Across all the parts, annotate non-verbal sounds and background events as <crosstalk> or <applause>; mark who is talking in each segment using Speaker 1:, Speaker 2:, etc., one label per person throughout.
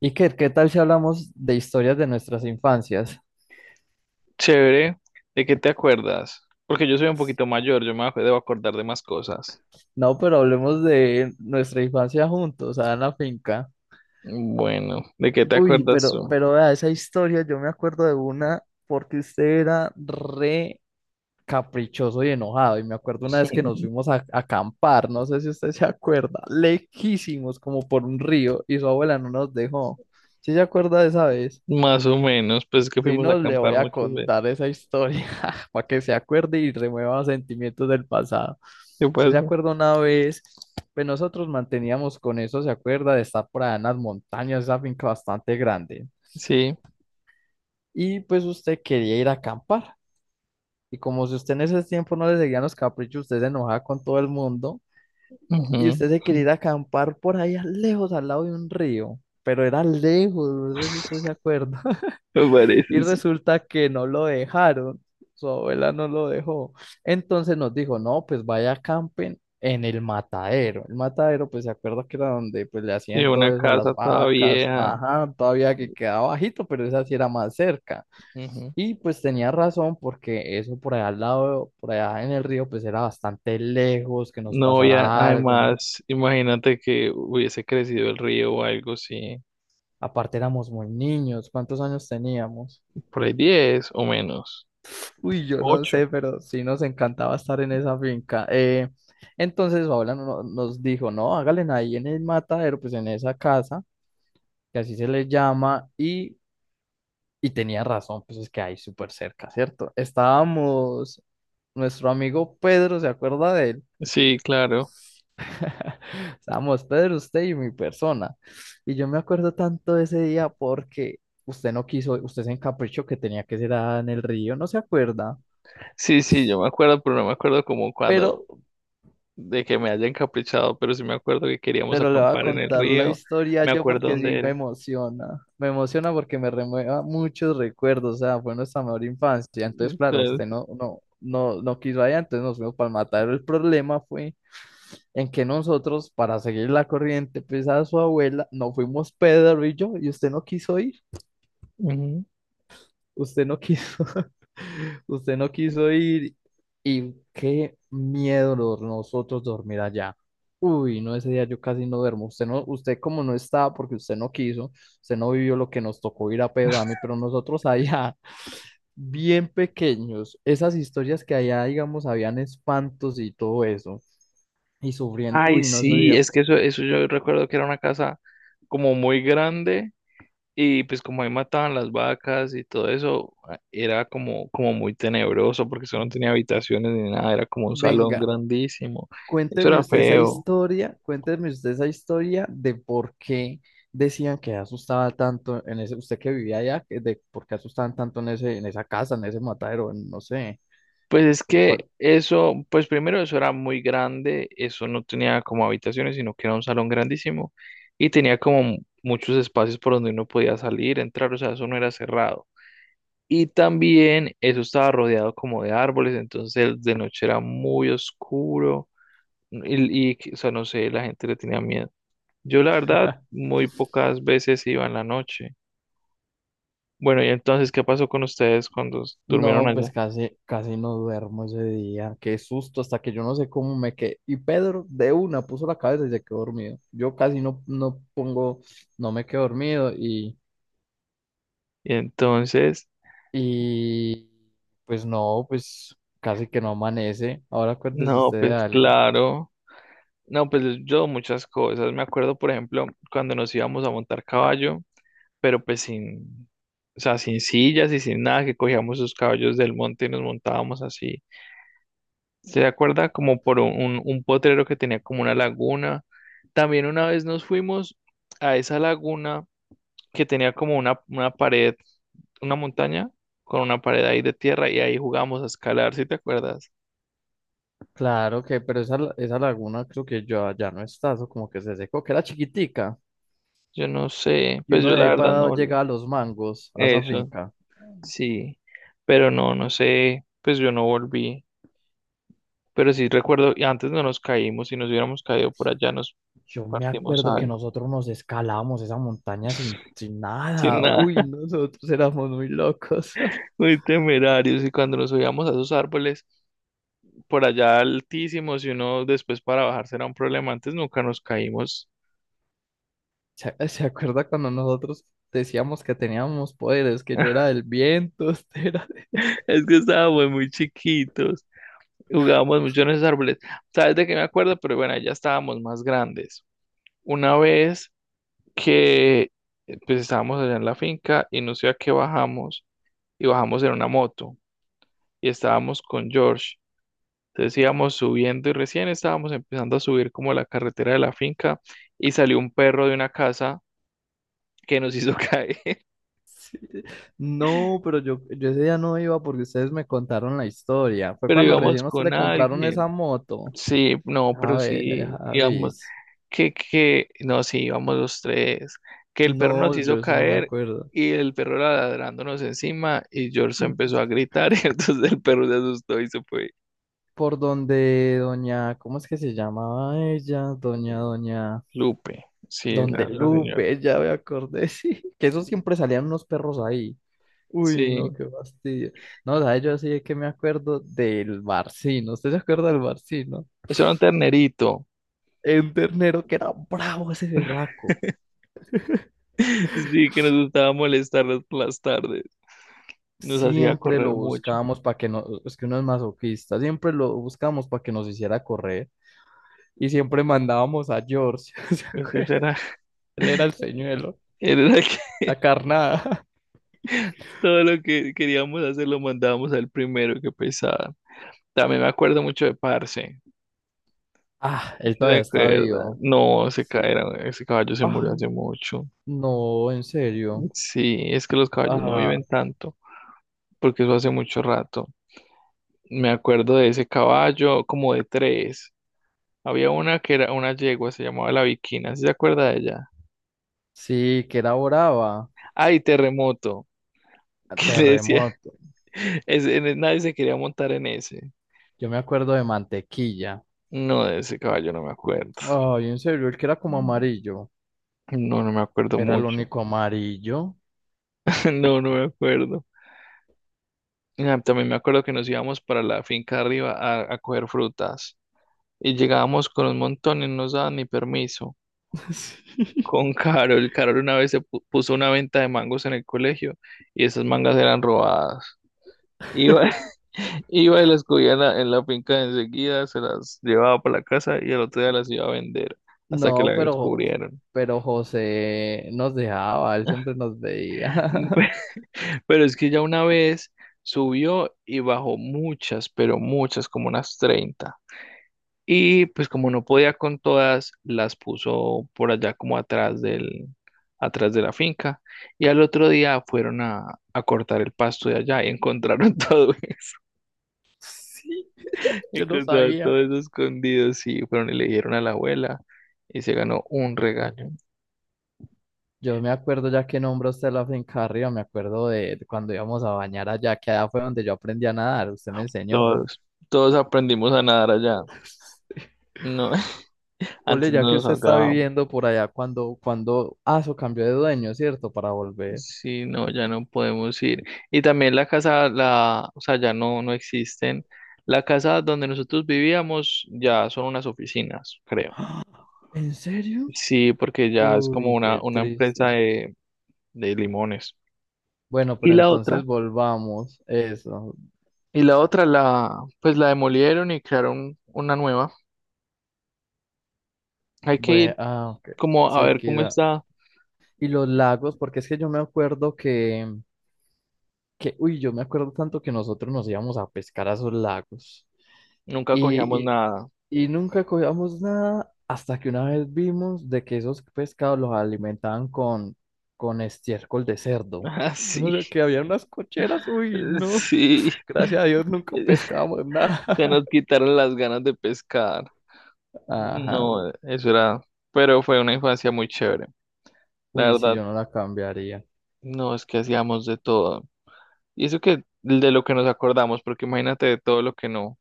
Speaker 1: Iker, ¿qué tal si hablamos de historias de nuestras infancias?
Speaker 2: Chévere, ¿de qué te acuerdas? Porque yo soy un poquito mayor, debo acordar de más cosas.
Speaker 1: No, pero hablemos de nuestra infancia juntos, allá en la finca.
Speaker 2: Bueno, ¿de qué te
Speaker 1: Uy,
Speaker 2: acuerdas
Speaker 1: pero,
Speaker 2: tú?
Speaker 1: pero vea, esa historia yo me acuerdo de una porque usted era re caprichoso y enojado. Y me acuerdo una vez que nos
Speaker 2: <laughs>
Speaker 1: fuimos a acampar, no sé si usted se acuerda, lejísimos como por un río y su abuela no nos dejó. ¿Sí se acuerda de esa vez?
Speaker 2: Más o menos, pues es que
Speaker 1: Si
Speaker 2: fuimos a
Speaker 1: no, le
Speaker 2: acampar
Speaker 1: voy a
Speaker 2: muchas veces.
Speaker 1: contar esa historia <laughs> para que se acuerde y remueva sentimientos del pasado.
Speaker 2: ¿Qué
Speaker 1: Usted se
Speaker 2: pasa?
Speaker 1: acuerda una vez, pues nosotros manteníamos con eso, se acuerda de estar por allá en las montañas, esa finca bastante grande.
Speaker 2: Sí,
Speaker 1: Y pues usted quería ir a acampar. Y como si usted en ese tiempo no le seguían los caprichos, usted se enojaba con todo el mundo.
Speaker 2: ujú,
Speaker 1: Y
Speaker 2: <laughs>
Speaker 1: usted se quería ir a acampar por allá lejos, al lado de un río. Pero era lejos, no sé si usted se acuerda.
Speaker 2: Me parece,
Speaker 1: Y
Speaker 2: sí.
Speaker 1: resulta que no lo dejaron, su abuela no lo dejó. Entonces nos dijo, no, pues vaya a campen en el matadero. El matadero, pues se acuerda que era donde pues le
Speaker 2: Sí,
Speaker 1: hacían
Speaker 2: una
Speaker 1: todo eso a las
Speaker 2: casa toda
Speaker 1: vacas,
Speaker 2: vieja.
Speaker 1: ajá, todavía que quedaba bajito, pero esa sí era más cerca.
Speaker 2: Ujú.
Speaker 1: Y pues tenía razón porque eso por allá al lado, por allá en el río, pues era bastante lejos que nos
Speaker 2: No,
Speaker 1: pasara algo, ¿no?
Speaker 2: además, imagínate que hubiese crecido el río o algo sí.
Speaker 1: Aparte éramos muy niños, ¿cuántos años teníamos?
Speaker 2: Por ahí 10 o menos.
Speaker 1: Uy, yo no
Speaker 2: 8.
Speaker 1: sé, pero sí nos encantaba estar en esa finca. Entonces Paola nos dijo, no, háganle ahí en el matadero, pues en esa casa, que así se le llama, y tenía razón, pues es que ahí súper cerca, ¿cierto? Estábamos, nuestro amigo Pedro, ¿se acuerda de él?
Speaker 2: Sí, claro.
Speaker 1: <laughs> Estábamos Pedro, usted y mi persona. Y yo me acuerdo tanto de ese día porque usted no quiso, usted se encaprichó que tenía que ser ah, en el río, ¿no se acuerda?
Speaker 2: Sí, sí, yo me acuerdo, pero no me acuerdo como
Speaker 1: Pero
Speaker 2: cuando de que me haya encaprichado, pero sí me acuerdo que queríamos
Speaker 1: Pero le voy a
Speaker 2: acampar en el
Speaker 1: contar la
Speaker 2: río,
Speaker 1: historia
Speaker 2: me
Speaker 1: yo
Speaker 2: acuerdo
Speaker 1: porque sí
Speaker 2: dónde
Speaker 1: me
Speaker 2: era.
Speaker 1: emociona. Me emociona porque me remueva muchos recuerdos. O sea, fue nuestra mejor infancia. Entonces, claro, usted
Speaker 2: Entonces,
Speaker 1: no, no, no, no quiso allá, entonces nos fuimos para el matadero. El problema fue en que nosotros, para seguir la corriente, pues a su abuela, no fuimos Pedro y yo, y usted no quiso ir.
Speaker 2: ujú.
Speaker 1: Usted no quiso, <laughs> usted no quiso ir y qué miedo lo- nosotros dormir allá. Uy, no, ese día yo casi no duermo. Usted no, usted como no estaba porque usted no quiso, usted no vivió lo que nos tocó ir a Pedro, a mí, pero nosotros allá, <laughs> bien pequeños, esas historias que allá, digamos, habían espantos y todo eso, y sufriendo.
Speaker 2: Ay,
Speaker 1: Uy, no, ese
Speaker 2: sí,
Speaker 1: día,
Speaker 2: es que eso yo recuerdo que era una casa como muy grande y pues como ahí mataban las vacas y todo eso, era como muy tenebroso porque eso no tenía habitaciones ni nada, era como un salón
Speaker 1: venga.
Speaker 2: grandísimo. Eso
Speaker 1: Cuénteme
Speaker 2: era
Speaker 1: usted esa
Speaker 2: feo.
Speaker 1: historia, cuénteme usted esa historia de por qué decían que asustaba tanto en ese, usted que vivía allá, que de por qué asustaban tanto en ese, en esa casa, en ese matadero, en- no sé,
Speaker 2: Pues es
Speaker 1: lo
Speaker 2: que
Speaker 1: cual,
Speaker 2: eso, pues primero eso era muy grande, eso no tenía como habitaciones, sino que era un salón grandísimo y tenía muchos espacios por donde uno podía salir, entrar, o sea, eso no era cerrado. Y también eso estaba rodeado como de árboles, entonces de noche era muy oscuro, o sea, no sé, la gente le tenía miedo. Yo la verdad muy pocas veces iba en la noche. Bueno, y entonces, ¿qué pasó con ustedes cuando durmieron
Speaker 1: no,
Speaker 2: allá?
Speaker 1: pues casi, casi no duermo ese día, qué susto, hasta que yo no sé cómo me quedé, y Pedro de una puso la cabeza y se quedó dormido, yo casi no, no pongo, no me quedo dormido, y,
Speaker 2: Y entonces,
Speaker 1: y, pues no, pues casi que no amanece, ahora acuérdese
Speaker 2: no,
Speaker 1: usted de
Speaker 2: pues
Speaker 1: algo.
Speaker 2: claro. No, pues yo muchas cosas. Me acuerdo, por ejemplo, cuando nos íbamos a montar caballo, pero pues sin, o sea, sin sillas y sin nada, que cogíamos los caballos del monte y nos montábamos así. ¿Se acuerda? Como por un potrero que tenía como una laguna. También una vez nos fuimos a esa laguna que tenía como una pared, una montaña con una pared ahí de tierra y ahí jugamos a escalar, ¿sí te acuerdas?
Speaker 1: Claro que, pero esa, la- esa laguna creo que ya, ya no está, eso como que se secó, que era chiquitica,
Speaker 2: Yo no sé,
Speaker 1: y
Speaker 2: pues
Speaker 1: uno
Speaker 2: yo
Speaker 1: de
Speaker 2: la
Speaker 1: ahí
Speaker 2: verdad no
Speaker 1: para
Speaker 2: volví.
Speaker 1: llegar a los mangos, a esa
Speaker 2: Eso.
Speaker 1: finca.
Speaker 2: Sí, pero no, no sé, pues yo no volví, pero sí recuerdo, y antes no nos caímos, si nos hubiéramos caído por allá nos
Speaker 1: Yo me
Speaker 2: partimos
Speaker 1: acuerdo que
Speaker 2: algo,
Speaker 1: nosotros nos escalábamos esa montaña sin
Speaker 2: sin
Speaker 1: nada.
Speaker 2: nada,
Speaker 1: Uy, no,
Speaker 2: <laughs>
Speaker 1: nosotros éramos muy locos. <laughs>
Speaker 2: muy temerarios, y cuando nos subíamos a esos árboles por allá altísimos y uno después para bajarse era un problema, antes nunca nos caímos,
Speaker 1: ¿Se acuerda cuando nosotros decíamos que teníamos poderes, que yo era
Speaker 2: <laughs>
Speaker 1: del viento, <laughs> usted era de-
Speaker 2: es que estábamos muy chiquitos, jugábamos mucho en esos árboles. ¿Sabes de qué me acuerdo? Pero bueno, ya estábamos más grandes, una vez que pues estábamos allá en la finca y no sé a qué bajamos, y bajamos en una moto y estábamos con George. Entonces íbamos subiendo y recién estábamos empezando a subir como la carretera de la finca y salió un perro de una casa que nos hizo <laughs> caer,
Speaker 1: Sí. No, pero yo ese día no iba porque ustedes me contaron la historia. Fue
Speaker 2: pero
Speaker 1: cuando
Speaker 2: íbamos
Speaker 1: recién a usted
Speaker 2: con
Speaker 1: le compraron esa
Speaker 2: alguien.
Speaker 1: moto.
Speaker 2: Sí, no,
Speaker 1: A
Speaker 2: pero
Speaker 1: ver,
Speaker 2: sí, íbamos,
Speaker 1: Javis.
Speaker 2: que, no, sí, íbamos los tres, que el perro nos
Speaker 1: No, yo
Speaker 2: hizo
Speaker 1: eso no me
Speaker 2: caer.
Speaker 1: acuerdo.
Speaker 2: Y el perro era ladrándonos encima y George se
Speaker 1: Mm.
Speaker 2: empezó a gritar <laughs> y entonces el perro se asustó y se fue.
Speaker 1: Por donde doña, ¿cómo es que se llamaba ella? Doña,
Speaker 2: Lupe, sí,
Speaker 1: donde
Speaker 2: la señora.
Speaker 1: Lupe, ya me acordé, <laughs> sí. Que eso siempre salían unos perros ahí. Uy, no,
Speaker 2: Sí,
Speaker 1: qué fastidio. No, ¿sabes? Yo así es que me acuerdo del Barcino. ¿Usted se acuerda del Barcino?
Speaker 2: eso era un ternerito.
Speaker 1: Un ternero que era bravo ese berraco.
Speaker 2: <laughs> Sí, que nos gustaba molestarnos por las tardes. Nos hacía
Speaker 1: Siempre lo
Speaker 2: correr mucho.
Speaker 1: buscábamos para que nos, es que uno es masoquista, siempre lo buscábamos para que nos hiciera correr. Y siempre mandábamos a George, <laughs> ¿se
Speaker 2: Es que
Speaker 1: acuerda?
Speaker 2: ese era,
Speaker 1: Él era el señuelo,
Speaker 2: <laughs> él era el que
Speaker 1: la carnada. <laughs>
Speaker 2: <laughs> todo lo que queríamos hacer lo mandábamos al primero, que pesada. También me acuerdo mucho de Parce.
Speaker 1: Ah,
Speaker 2: ¿Sí?
Speaker 1: él
Speaker 2: ¿Te
Speaker 1: todavía está
Speaker 2: acuerdas?
Speaker 1: vivo.
Speaker 2: No,
Speaker 1: Sí.
Speaker 2: ese caballo se murió hace
Speaker 1: Ay,
Speaker 2: mucho.
Speaker 1: no, en serio.
Speaker 2: Sí, es que los caballos no
Speaker 1: Ah,
Speaker 2: viven tanto, porque eso hace mucho rato. Me acuerdo de ese caballo, como de 3. Había una que era una yegua, se llamaba la Viquina. ¿Sí se acuerda de ella?
Speaker 1: sí, que era brava.
Speaker 2: Ay, Terremoto. <laughs>
Speaker 1: A
Speaker 2: Que le decía,
Speaker 1: Terremoto.
Speaker 2: nadie se quería montar en ese.
Speaker 1: Yo me acuerdo de Mantequilla.
Speaker 2: No, de ese caballo no me acuerdo.
Speaker 1: Ay, en serio, él que era como amarillo.
Speaker 2: No, no me acuerdo
Speaker 1: Era el
Speaker 2: mucho.
Speaker 1: único amarillo.
Speaker 2: <laughs> No, no me acuerdo. Ah, también me acuerdo que nos íbamos para la finca arriba a coger frutas y llegábamos con un montón y no nos daban ni permiso.
Speaker 1: <laughs> Sí.
Speaker 2: Con Carol, Carol una vez puso una venta de mangos en el colegio y esas mangas eran robadas. Iba, <laughs>
Speaker 1: <laughs>
Speaker 2: iba y las cogía en en la finca enseguida, se las llevaba para la casa y al otro día las iba a vender hasta que
Speaker 1: No,
Speaker 2: la
Speaker 1: pero,
Speaker 2: descubrieron.
Speaker 1: pero José nos dejaba, él siempre nos veía. <laughs>
Speaker 2: <laughs> Pero es que ya una vez subió y bajó muchas, pero muchas, como unas 30. Y pues como no podía con todas, las puso por allá como atrás de la finca. Y al otro día fueron a cortar el pasto de allá y encontraron <laughs> todo.
Speaker 1: Sí, yo no
Speaker 2: Encontraron
Speaker 1: sabía.
Speaker 2: todo eso escondido, sí, fueron y le dijeron a la abuela y se ganó un regaño.
Speaker 1: Yo me acuerdo, ya que nombró usted la finca arriba, me acuerdo de cuando íbamos a bañar allá, que allá fue donde yo aprendí a nadar, usted me enseñó.
Speaker 2: Todos, todos aprendimos a nadar allá.
Speaker 1: <laughs>
Speaker 2: No, <laughs>
Speaker 1: Ole,
Speaker 2: antes
Speaker 1: ya
Speaker 2: no
Speaker 1: que
Speaker 2: nos
Speaker 1: usted está
Speaker 2: ahogábamos.
Speaker 1: viviendo por allá, cuando eso cambió de dueño, ¿cierto? Para volver.
Speaker 2: Sí, no, ya no podemos ir. Y también la casa, la, o sea, ya no, no existen. La casa donde nosotros vivíamos ya son unas oficinas, creo.
Speaker 1: <gasps> ¿En serio?
Speaker 2: Sí, porque ya es como
Speaker 1: Uy, qué
Speaker 2: una empresa
Speaker 1: triste.
Speaker 2: de limones.
Speaker 1: Bueno,
Speaker 2: Y
Speaker 1: pero
Speaker 2: la otra,
Speaker 1: entonces volvamos. Eso.
Speaker 2: y la otra la, pues la demolieron y crearon una nueva. Hay que
Speaker 1: Bueno,
Speaker 2: ir,
Speaker 1: ah, ok.
Speaker 2: como a ver cómo
Speaker 1: Sequía.
Speaker 2: está.
Speaker 1: Y los lagos, porque es que yo me acuerdo que, uy, yo me acuerdo tanto que nosotros nos íbamos a pescar a esos lagos.
Speaker 2: Nunca
Speaker 1: Y,
Speaker 2: cogíamos
Speaker 1: y-
Speaker 2: nada.
Speaker 1: y nunca cogíamos nada hasta que una vez vimos de que esos pescados los alimentaban con estiércol de
Speaker 2: <laughs>
Speaker 1: cerdo. Eso no
Speaker 2: Así,
Speaker 1: sé, que había unas cocheras, uy, no.
Speaker 2: sí.
Speaker 1: Gracias a Dios nunca
Speaker 2: <laughs>
Speaker 1: pescamos
Speaker 2: Ya
Speaker 1: nada.
Speaker 2: nos quitaron las ganas de pescar.
Speaker 1: <laughs> Ajá.
Speaker 2: No, eso era, pero fue una infancia muy chévere. La
Speaker 1: Uy, si
Speaker 2: verdad,
Speaker 1: yo no la cambiaría.
Speaker 2: no, es que hacíamos de todo. Y eso que de lo que nos acordamos, porque imagínate de todo lo que no.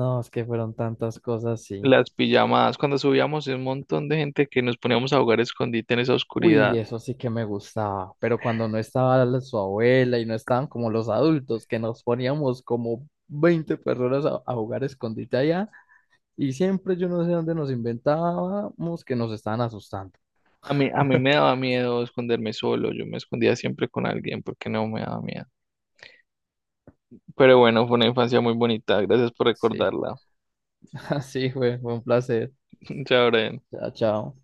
Speaker 1: No, es que fueron tantas cosas, sí.
Speaker 2: Las pijamadas, cuando subíamos un montón de gente que nos poníamos a jugar escondite en esa
Speaker 1: Uy,
Speaker 2: oscuridad.
Speaker 1: eso sí que me gustaba, pero cuando no estaba la- su abuela y no estaban como los adultos, que nos poníamos como 20 personas a jugar escondite allá. Y siempre yo no sé dónde nos inventábamos que nos estaban asustando.
Speaker 2: A mí me daba miedo esconderme solo, yo me escondía siempre con alguien porque no me daba miedo. Pero bueno, fue una infancia muy bonita. Gracias por
Speaker 1: Sí,
Speaker 2: recordarla.
Speaker 1: <laughs> así fue, fue un placer.
Speaker 2: <laughs> Chao, Brian.
Speaker 1: Chao, chao.